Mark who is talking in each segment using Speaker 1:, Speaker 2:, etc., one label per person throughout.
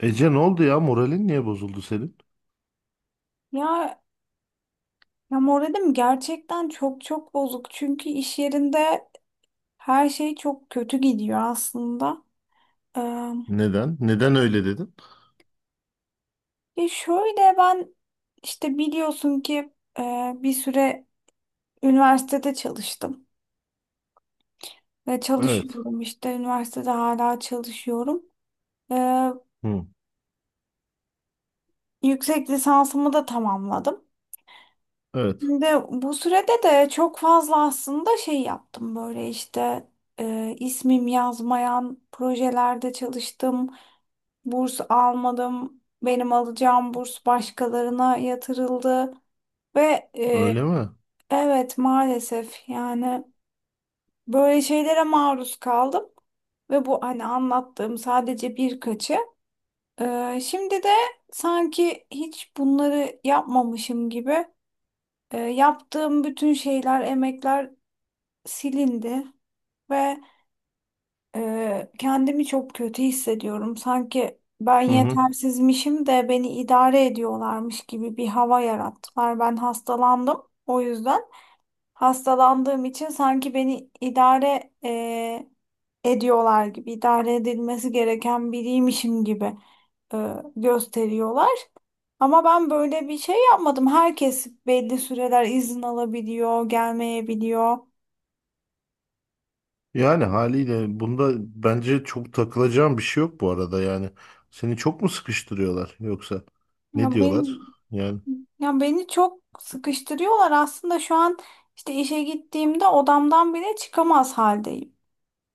Speaker 1: Ece ne oldu ya? Moralin niye bozuldu senin?
Speaker 2: Ya, ya, moralim gerçekten çok bozuk. Çünkü iş yerinde her şey çok kötü gidiyor aslında. Ee,
Speaker 1: Neden? Neden öyle dedin?
Speaker 2: ya şöyle ben işte biliyorsun ki e, bir süre üniversitede çalıştım. Ve
Speaker 1: Evet.
Speaker 2: çalışıyorum işte üniversitede hala çalışıyorum. Ee,
Speaker 1: Hı.
Speaker 2: yüksek lisansımı da tamamladım.
Speaker 1: Evet.
Speaker 2: Şimdi bu sürede de çok fazla aslında şey yaptım böyle işte ismim yazmayan projelerde çalıştım. Burs almadım. Benim alacağım burs başkalarına yatırıldı ve
Speaker 1: Öyle mi?
Speaker 2: evet maalesef yani böyle şeylere maruz kaldım ve bu hani anlattığım sadece birkaçı. Şimdi de sanki hiç bunları yapmamışım gibi yaptığım bütün şeyler, emekler silindi ve kendimi çok kötü hissediyorum. Sanki ben
Speaker 1: Hı hı.
Speaker 2: yetersizmişim de beni idare ediyorlarmış gibi bir hava yarattılar. Ben hastalandım. O yüzden hastalandığım için sanki beni idare ediyorlar gibi, idare edilmesi gereken biriymişim gibi e, gösteriyorlar. Ama ben böyle bir şey yapmadım. Herkes belli süreler izin alabiliyor, gelmeyebiliyor.
Speaker 1: Yani haliyle bunda bence çok takılacağım bir şey yok bu arada yani. Seni çok mu sıkıştırıyorlar yoksa ne
Speaker 2: Ya
Speaker 1: diyorlar?
Speaker 2: benim
Speaker 1: Yani
Speaker 2: Ya beni çok sıkıştırıyorlar aslında şu an işte işe gittiğimde odamdan bile çıkamaz haldeyim.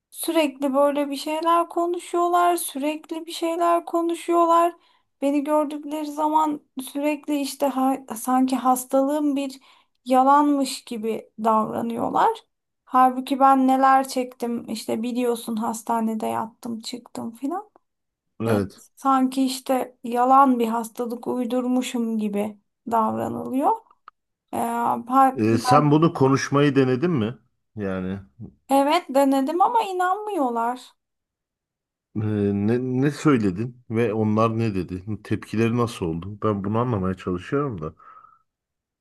Speaker 2: Sürekli böyle bir şeyler konuşuyorlar, sürekli bir şeyler konuşuyorlar. Beni gördükleri zaman sürekli işte sanki hastalığım bir yalanmış gibi davranıyorlar. Halbuki ben neler çektim işte biliyorsun hastanede yattım çıktım filan. Evet,
Speaker 1: evet.
Speaker 2: sanki işte yalan bir hastalık uydurmuşum gibi davranılıyor. Ee, ha-
Speaker 1: Sen bunu konuşmayı denedin mi? Yani
Speaker 2: evet denedim ama inanmıyorlar.
Speaker 1: e, ne söyledin ve onlar ne dedi? Tepkileri nasıl oldu? Ben bunu anlamaya çalışıyorum da.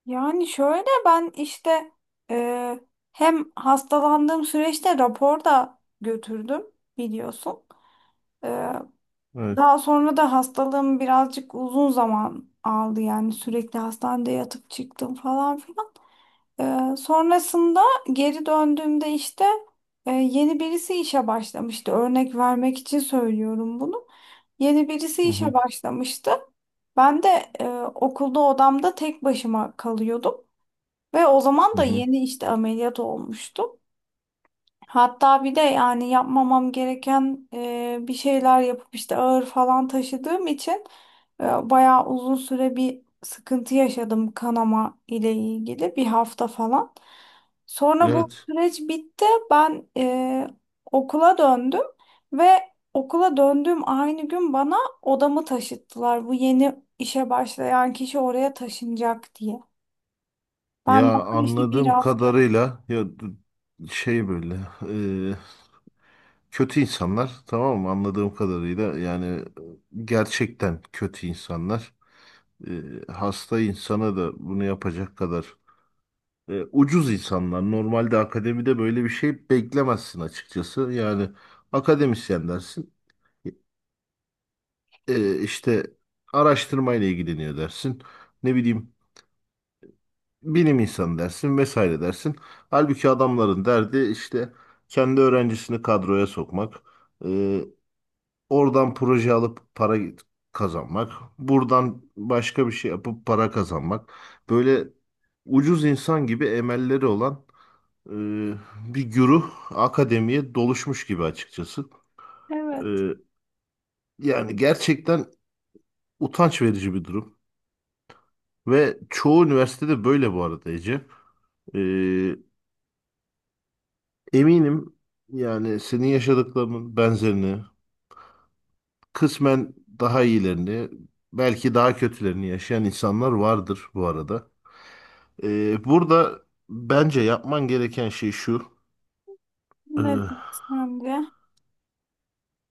Speaker 2: Yani şöyle ben işte e, hem hastalandığım süreçte rapor da götürdüm biliyorsun. Ee,
Speaker 1: Evet.
Speaker 2: daha sonra da hastalığım birazcık uzun zaman aldı yani sürekli hastanede yatıp çıktım falan filan. Sonrasında geri döndüğümde işte yeni birisi işe başlamıştı. Örnek vermek için söylüyorum bunu. Yeni birisi
Speaker 1: Hı
Speaker 2: işe
Speaker 1: hı.
Speaker 2: başlamıştı. Ben de e, okulda odamda tek başıma kalıyordum. Ve o zaman
Speaker 1: Hı
Speaker 2: da
Speaker 1: hı.
Speaker 2: yeni işte ameliyat olmuştu. Hatta bir de yani yapmamam gereken bir şeyler yapıp işte ağır falan taşıdığım için e, bayağı uzun süre bir sıkıntı yaşadım kanama ile ilgili bir hafta falan. Sonra bu
Speaker 1: Evet.
Speaker 2: süreç bitti. Ben okula döndüm ve okula döndüğüm aynı gün bana odamı taşıttılar. Bu yeni işe başlayan kişi oraya taşınacak diye. Ben daha
Speaker 1: Ya
Speaker 2: işte bir
Speaker 1: anladığım
Speaker 2: hafta.
Speaker 1: kadarıyla böyle e, kötü insanlar, tamam mı? Anladığım kadarıyla yani gerçekten kötü insanlar. E, hasta insana da bunu yapacak kadar ucuz insanlar. Normalde akademide böyle bir şey beklemezsin açıkçası yani. Akademisyen dersin, işte araştırmayla ilgileniyor dersin, ne bileyim bilim insanı dersin vesaire dersin. Halbuki adamların derdi işte kendi öğrencisini kadroya sokmak, e, oradan proje alıp para kazanmak, buradan başka bir şey yapıp para kazanmak. Böyle ucuz insan gibi emelleri olan bir güruh akademiye doluşmuş gibi açıkçası. E,
Speaker 2: Evet.
Speaker 1: yani gerçekten utanç verici bir durum. Ve çoğu üniversitede böyle bu arada Ece. E, eminim yani senin yaşadıklarının benzerini, kısmen daha iyilerini, belki daha kötülerini yaşayan insanlar vardır bu arada. Burada bence yapman gereken şey şu.
Speaker 2: Ne
Speaker 1: ee,
Speaker 2: sence?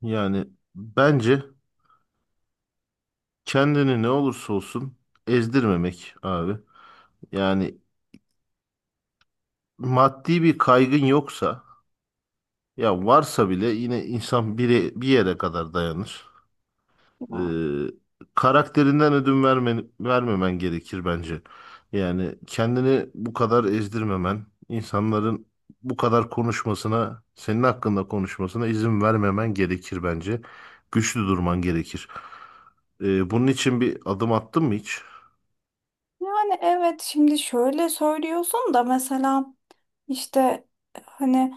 Speaker 1: Yani bence kendini ne olursa olsun ezdirmemek abi. Yani maddi bir kaygın yoksa, ya varsa bile yine insan bir yere kadar dayanır. e,
Speaker 2: Ya.
Speaker 1: Karakterinden ödün verme, vermemen gerekir bence. Yani kendini bu kadar ezdirmemen, insanların bu kadar konuşmasına, senin hakkında konuşmasına izin vermemen gerekir bence. Güçlü durman gerekir. E, bunun için bir adım attın mı hiç?
Speaker 2: Yani evet şimdi şöyle söylüyorsun da mesela işte hani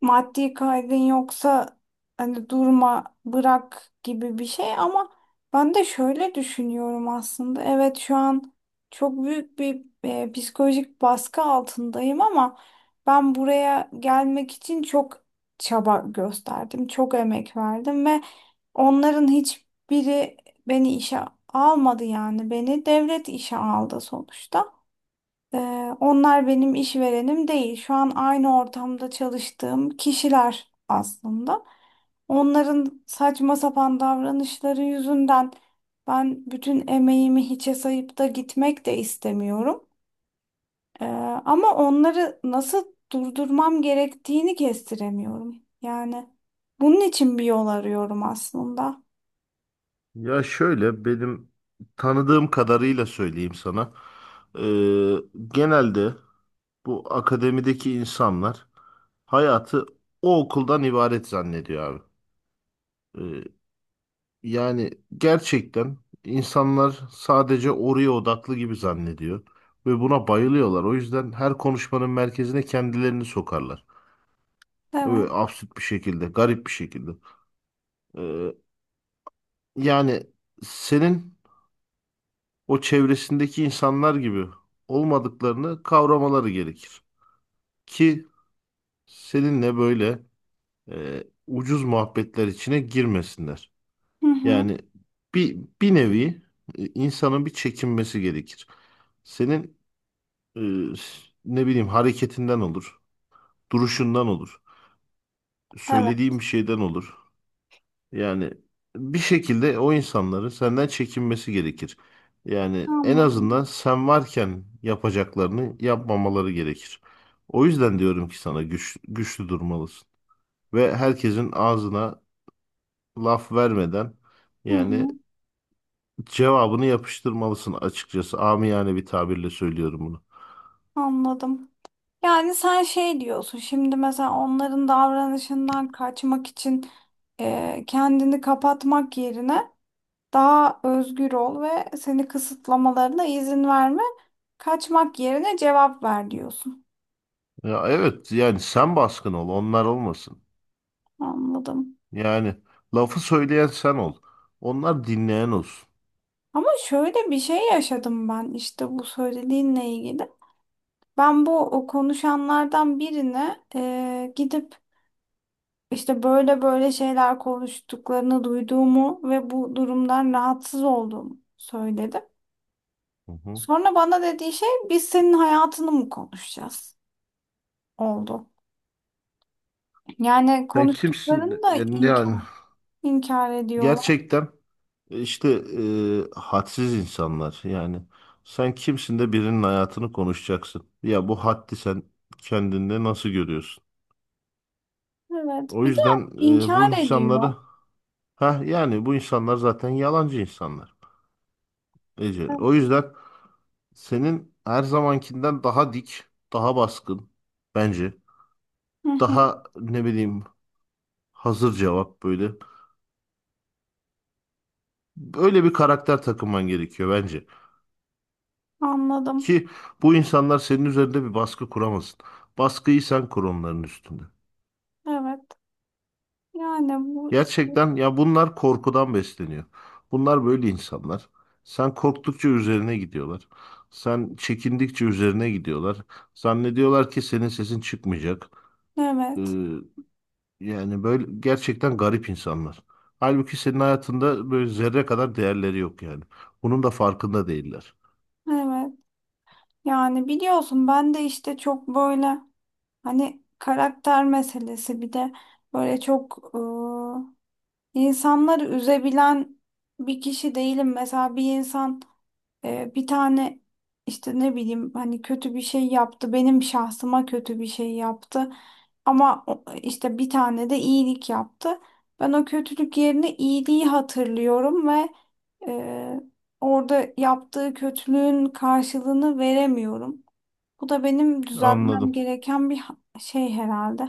Speaker 2: maddi kaygın yoksa hani durma bırak gibi bir şey ama ben de şöyle düşünüyorum aslında. Evet şu an çok büyük bir psikolojik baskı altındayım ama ben buraya gelmek için çok çaba gösterdim, çok emek verdim ve onların hiçbiri beni işe almadı yani beni devlet işe aldı sonuçta. Ee, onlar benim işverenim değil. Şu an aynı ortamda çalıştığım kişiler aslında. Onların saçma sapan davranışları yüzünden ben bütün emeğimi hiçe sayıp da gitmek de istemiyorum. Ee, ama onları nasıl durdurmam gerektiğini kestiremiyorum. Yani bunun için bir yol arıyorum aslında.
Speaker 1: Ya şöyle, benim tanıdığım kadarıyla söyleyeyim sana. E, genelde bu akademideki insanlar hayatı o okuldan ibaret zannediyor abi. Yani gerçekten insanlar sadece oraya odaklı gibi zannediyor ve buna bayılıyorlar. O yüzden her konuşmanın merkezine kendilerini sokarlar.
Speaker 2: Evet.
Speaker 1: Böyle absürt bir şekilde, garip bir şekilde. Ee, Yani senin o çevresindeki insanlar gibi olmadıklarını kavramaları gerekir. Ki seninle böyle ucuz muhabbetler içine girmesinler.
Speaker 2: Hı hı.
Speaker 1: Yani bir nevi insanın bir çekinmesi gerekir. Senin Ee, ne bileyim hareketinden olur, duruşundan olur,
Speaker 2: Evet.
Speaker 1: söylediğim bir şeyden olur. Yani bir şekilde o insanların senden çekinmesi gerekir. Yani en azından
Speaker 2: Anladım.
Speaker 1: sen varken yapacaklarını yapmamaları gerekir. O yüzden diyorum ki sana güçlü durmalısın ve herkesin ağzına laf vermeden
Speaker 2: Hı hı.
Speaker 1: yani cevabını yapıştırmalısın açıkçası. Amiyane bir tabirle söylüyorum bunu.
Speaker 2: Anladım. Yani sen şey diyorsun şimdi mesela onların davranışından kaçmak için kendini kapatmak yerine daha özgür ol ve seni kısıtlamalarına izin verme. Kaçmak yerine cevap ver diyorsun.
Speaker 1: Ya evet, yani sen baskın ol, onlar olmasın.
Speaker 2: Anladım.
Speaker 1: Yani lafı söyleyen sen ol. Onlar dinleyen olsun.
Speaker 2: Ama şöyle bir şey yaşadım ben işte bu söylediğinle ilgili. Ben bu o konuşanlardan birine gidip İşte böyle böyle şeyler konuştuklarını duyduğumu ve bu durumdan rahatsız olduğumu söyledim.
Speaker 1: Hı hı.
Speaker 2: Sonra bana dediği şey biz senin hayatını mı konuşacağız oldu. Yani
Speaker 1: Sen
Speaker 2: konuştuklarını
Speaker 1: kimsin?
Speaker 2: da
Speaker 1: Yani
Speaker 2: inkar ediyorlar.
Speaker 1: gerçekten işte hadsiz insanlar. Yani sen kimsin de birinin hayatını konuşacaksın? Ya bu haddi sen kendinde nasıl görüyorsun?
Speaker 2: Evet.
Speaker 1: O
Speaker 2: Bir de
Speaker 1: yüzden
Speaker 2: inkar
Speaker 1: bu
Speaker 2: ediyor.
Speaker 1: insanları, ha yani bu insanlar zaten yalancı insanlar Ece.
Speaker 2: Evet.
Speaker 1: O yüzden senin her zamankinden daha dik, daha baskın bence.
Speaker 2: Hı hı.
Speaker 1: Daha ne bileyim hazır cevap, böyle. Böyle bir karakter takınman gerekiyor bence.
Speaker 2: Anladım.
Speaker 1: Ki bu insanlar senin üzerinde bir baskı kuramasın. Baskıyı sen kur onların üstünde.
Speaker 2: Evet. Yani bu
Speaker 1: Gerçekten ya, bunlar korkudan besleniyor. Bunlar böyle insanlar. Sen korktukça üzerine gidiyorlar. Sen çekindikçe üzerine gidiyorlar. Zannediyorlar ki senin sesin çıkmayacak. Ee,
Speaker 2: evet.
Speaker 1: Yani böyle gerçekten garip insanlar. Halbuki senin hayatında böyle zerre kadar değerleri yok yani. Bunun da farkında değiller.
Speaker 2: Evet. Yani biliyorsun ben de işte çok böyle hani karakter meselesi bir de böyle çok İnsanları üzebilen bir kişi değilim. Mesela bir insan bir tane işte ne bileyim hani kötü bir şey yaptı. Benim şahsıma kötü bir şey yaptı. Ama işte bir tane de iyilik yaptı. Ben o kötülük yerine iyiliği hatırlıyorum ve e, orada yaptığı kötülüğün karşılığını veremiyorum. Bu da benim düzeltmem
Speaker 1: Anladım.
Speaker 2: gereken bir şey herhalde.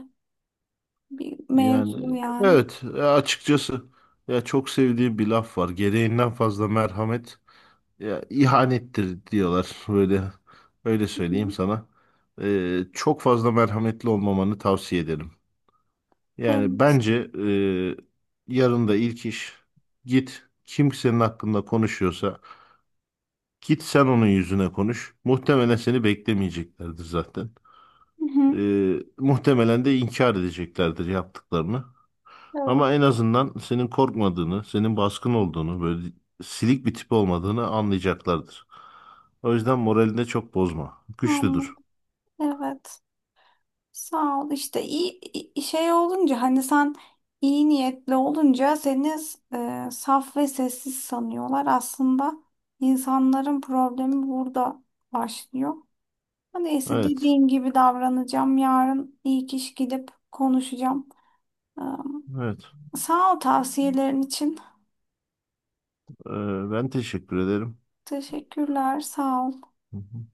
Speaker 2: Bir mevzu
Speaker 1: Yani
Speaker 2: yani.
Speaker 1: evet, açıkçası ya çok sevdiğim bir laf var. Gereğinden fazla merhamet ya ihanettir diyorlar, böyle öyle söyleyeyim sana. Çok fazla merhametli olmamanı tavsiye ederim. Yani
Speaker 2: Evet.
Speaker 1: bence yarın da ilk iş git, kim senin hakkında konuşuyorsa git sen onun yüzüne konuş. Muhtemelen seni beklemeyeceklerdir zaten.
Speaker 2: Hı hı.
Speaker 1: E, muhtemelen de inkar edeceklerdir yaptıklarını.
Speaker 2: Evet.
Speaker 1: Ama en azından senin korkmadığını, senin baskın olduğunu, böyle silik bir tip olmadığını anlayacaklardır. O yüzden moralini de çok bozma. Güçlüdür.
Speaker 2: Anladım. Evet. Sağ ol. İşte şey olunca hani sen iyi niyetli olunca seni saf ve sessiz sanıyorlar. Aslında insanların problemi burada başlıyor. Ha, neyse
Speaker 1: Evet.
Speaker 2: dediğim gibi davranacağım. Yarın iyi kişi gidip konuşacağım. Ee,
Speaker 1: Evet.
Speaker 2: sağ ol tavsiyelerin için.
Speaker 1: Ee, Ben teşekkür ederim.
Speaker 2: Teşekkürler. Sağ ol.
Speaker 1: Hı hı.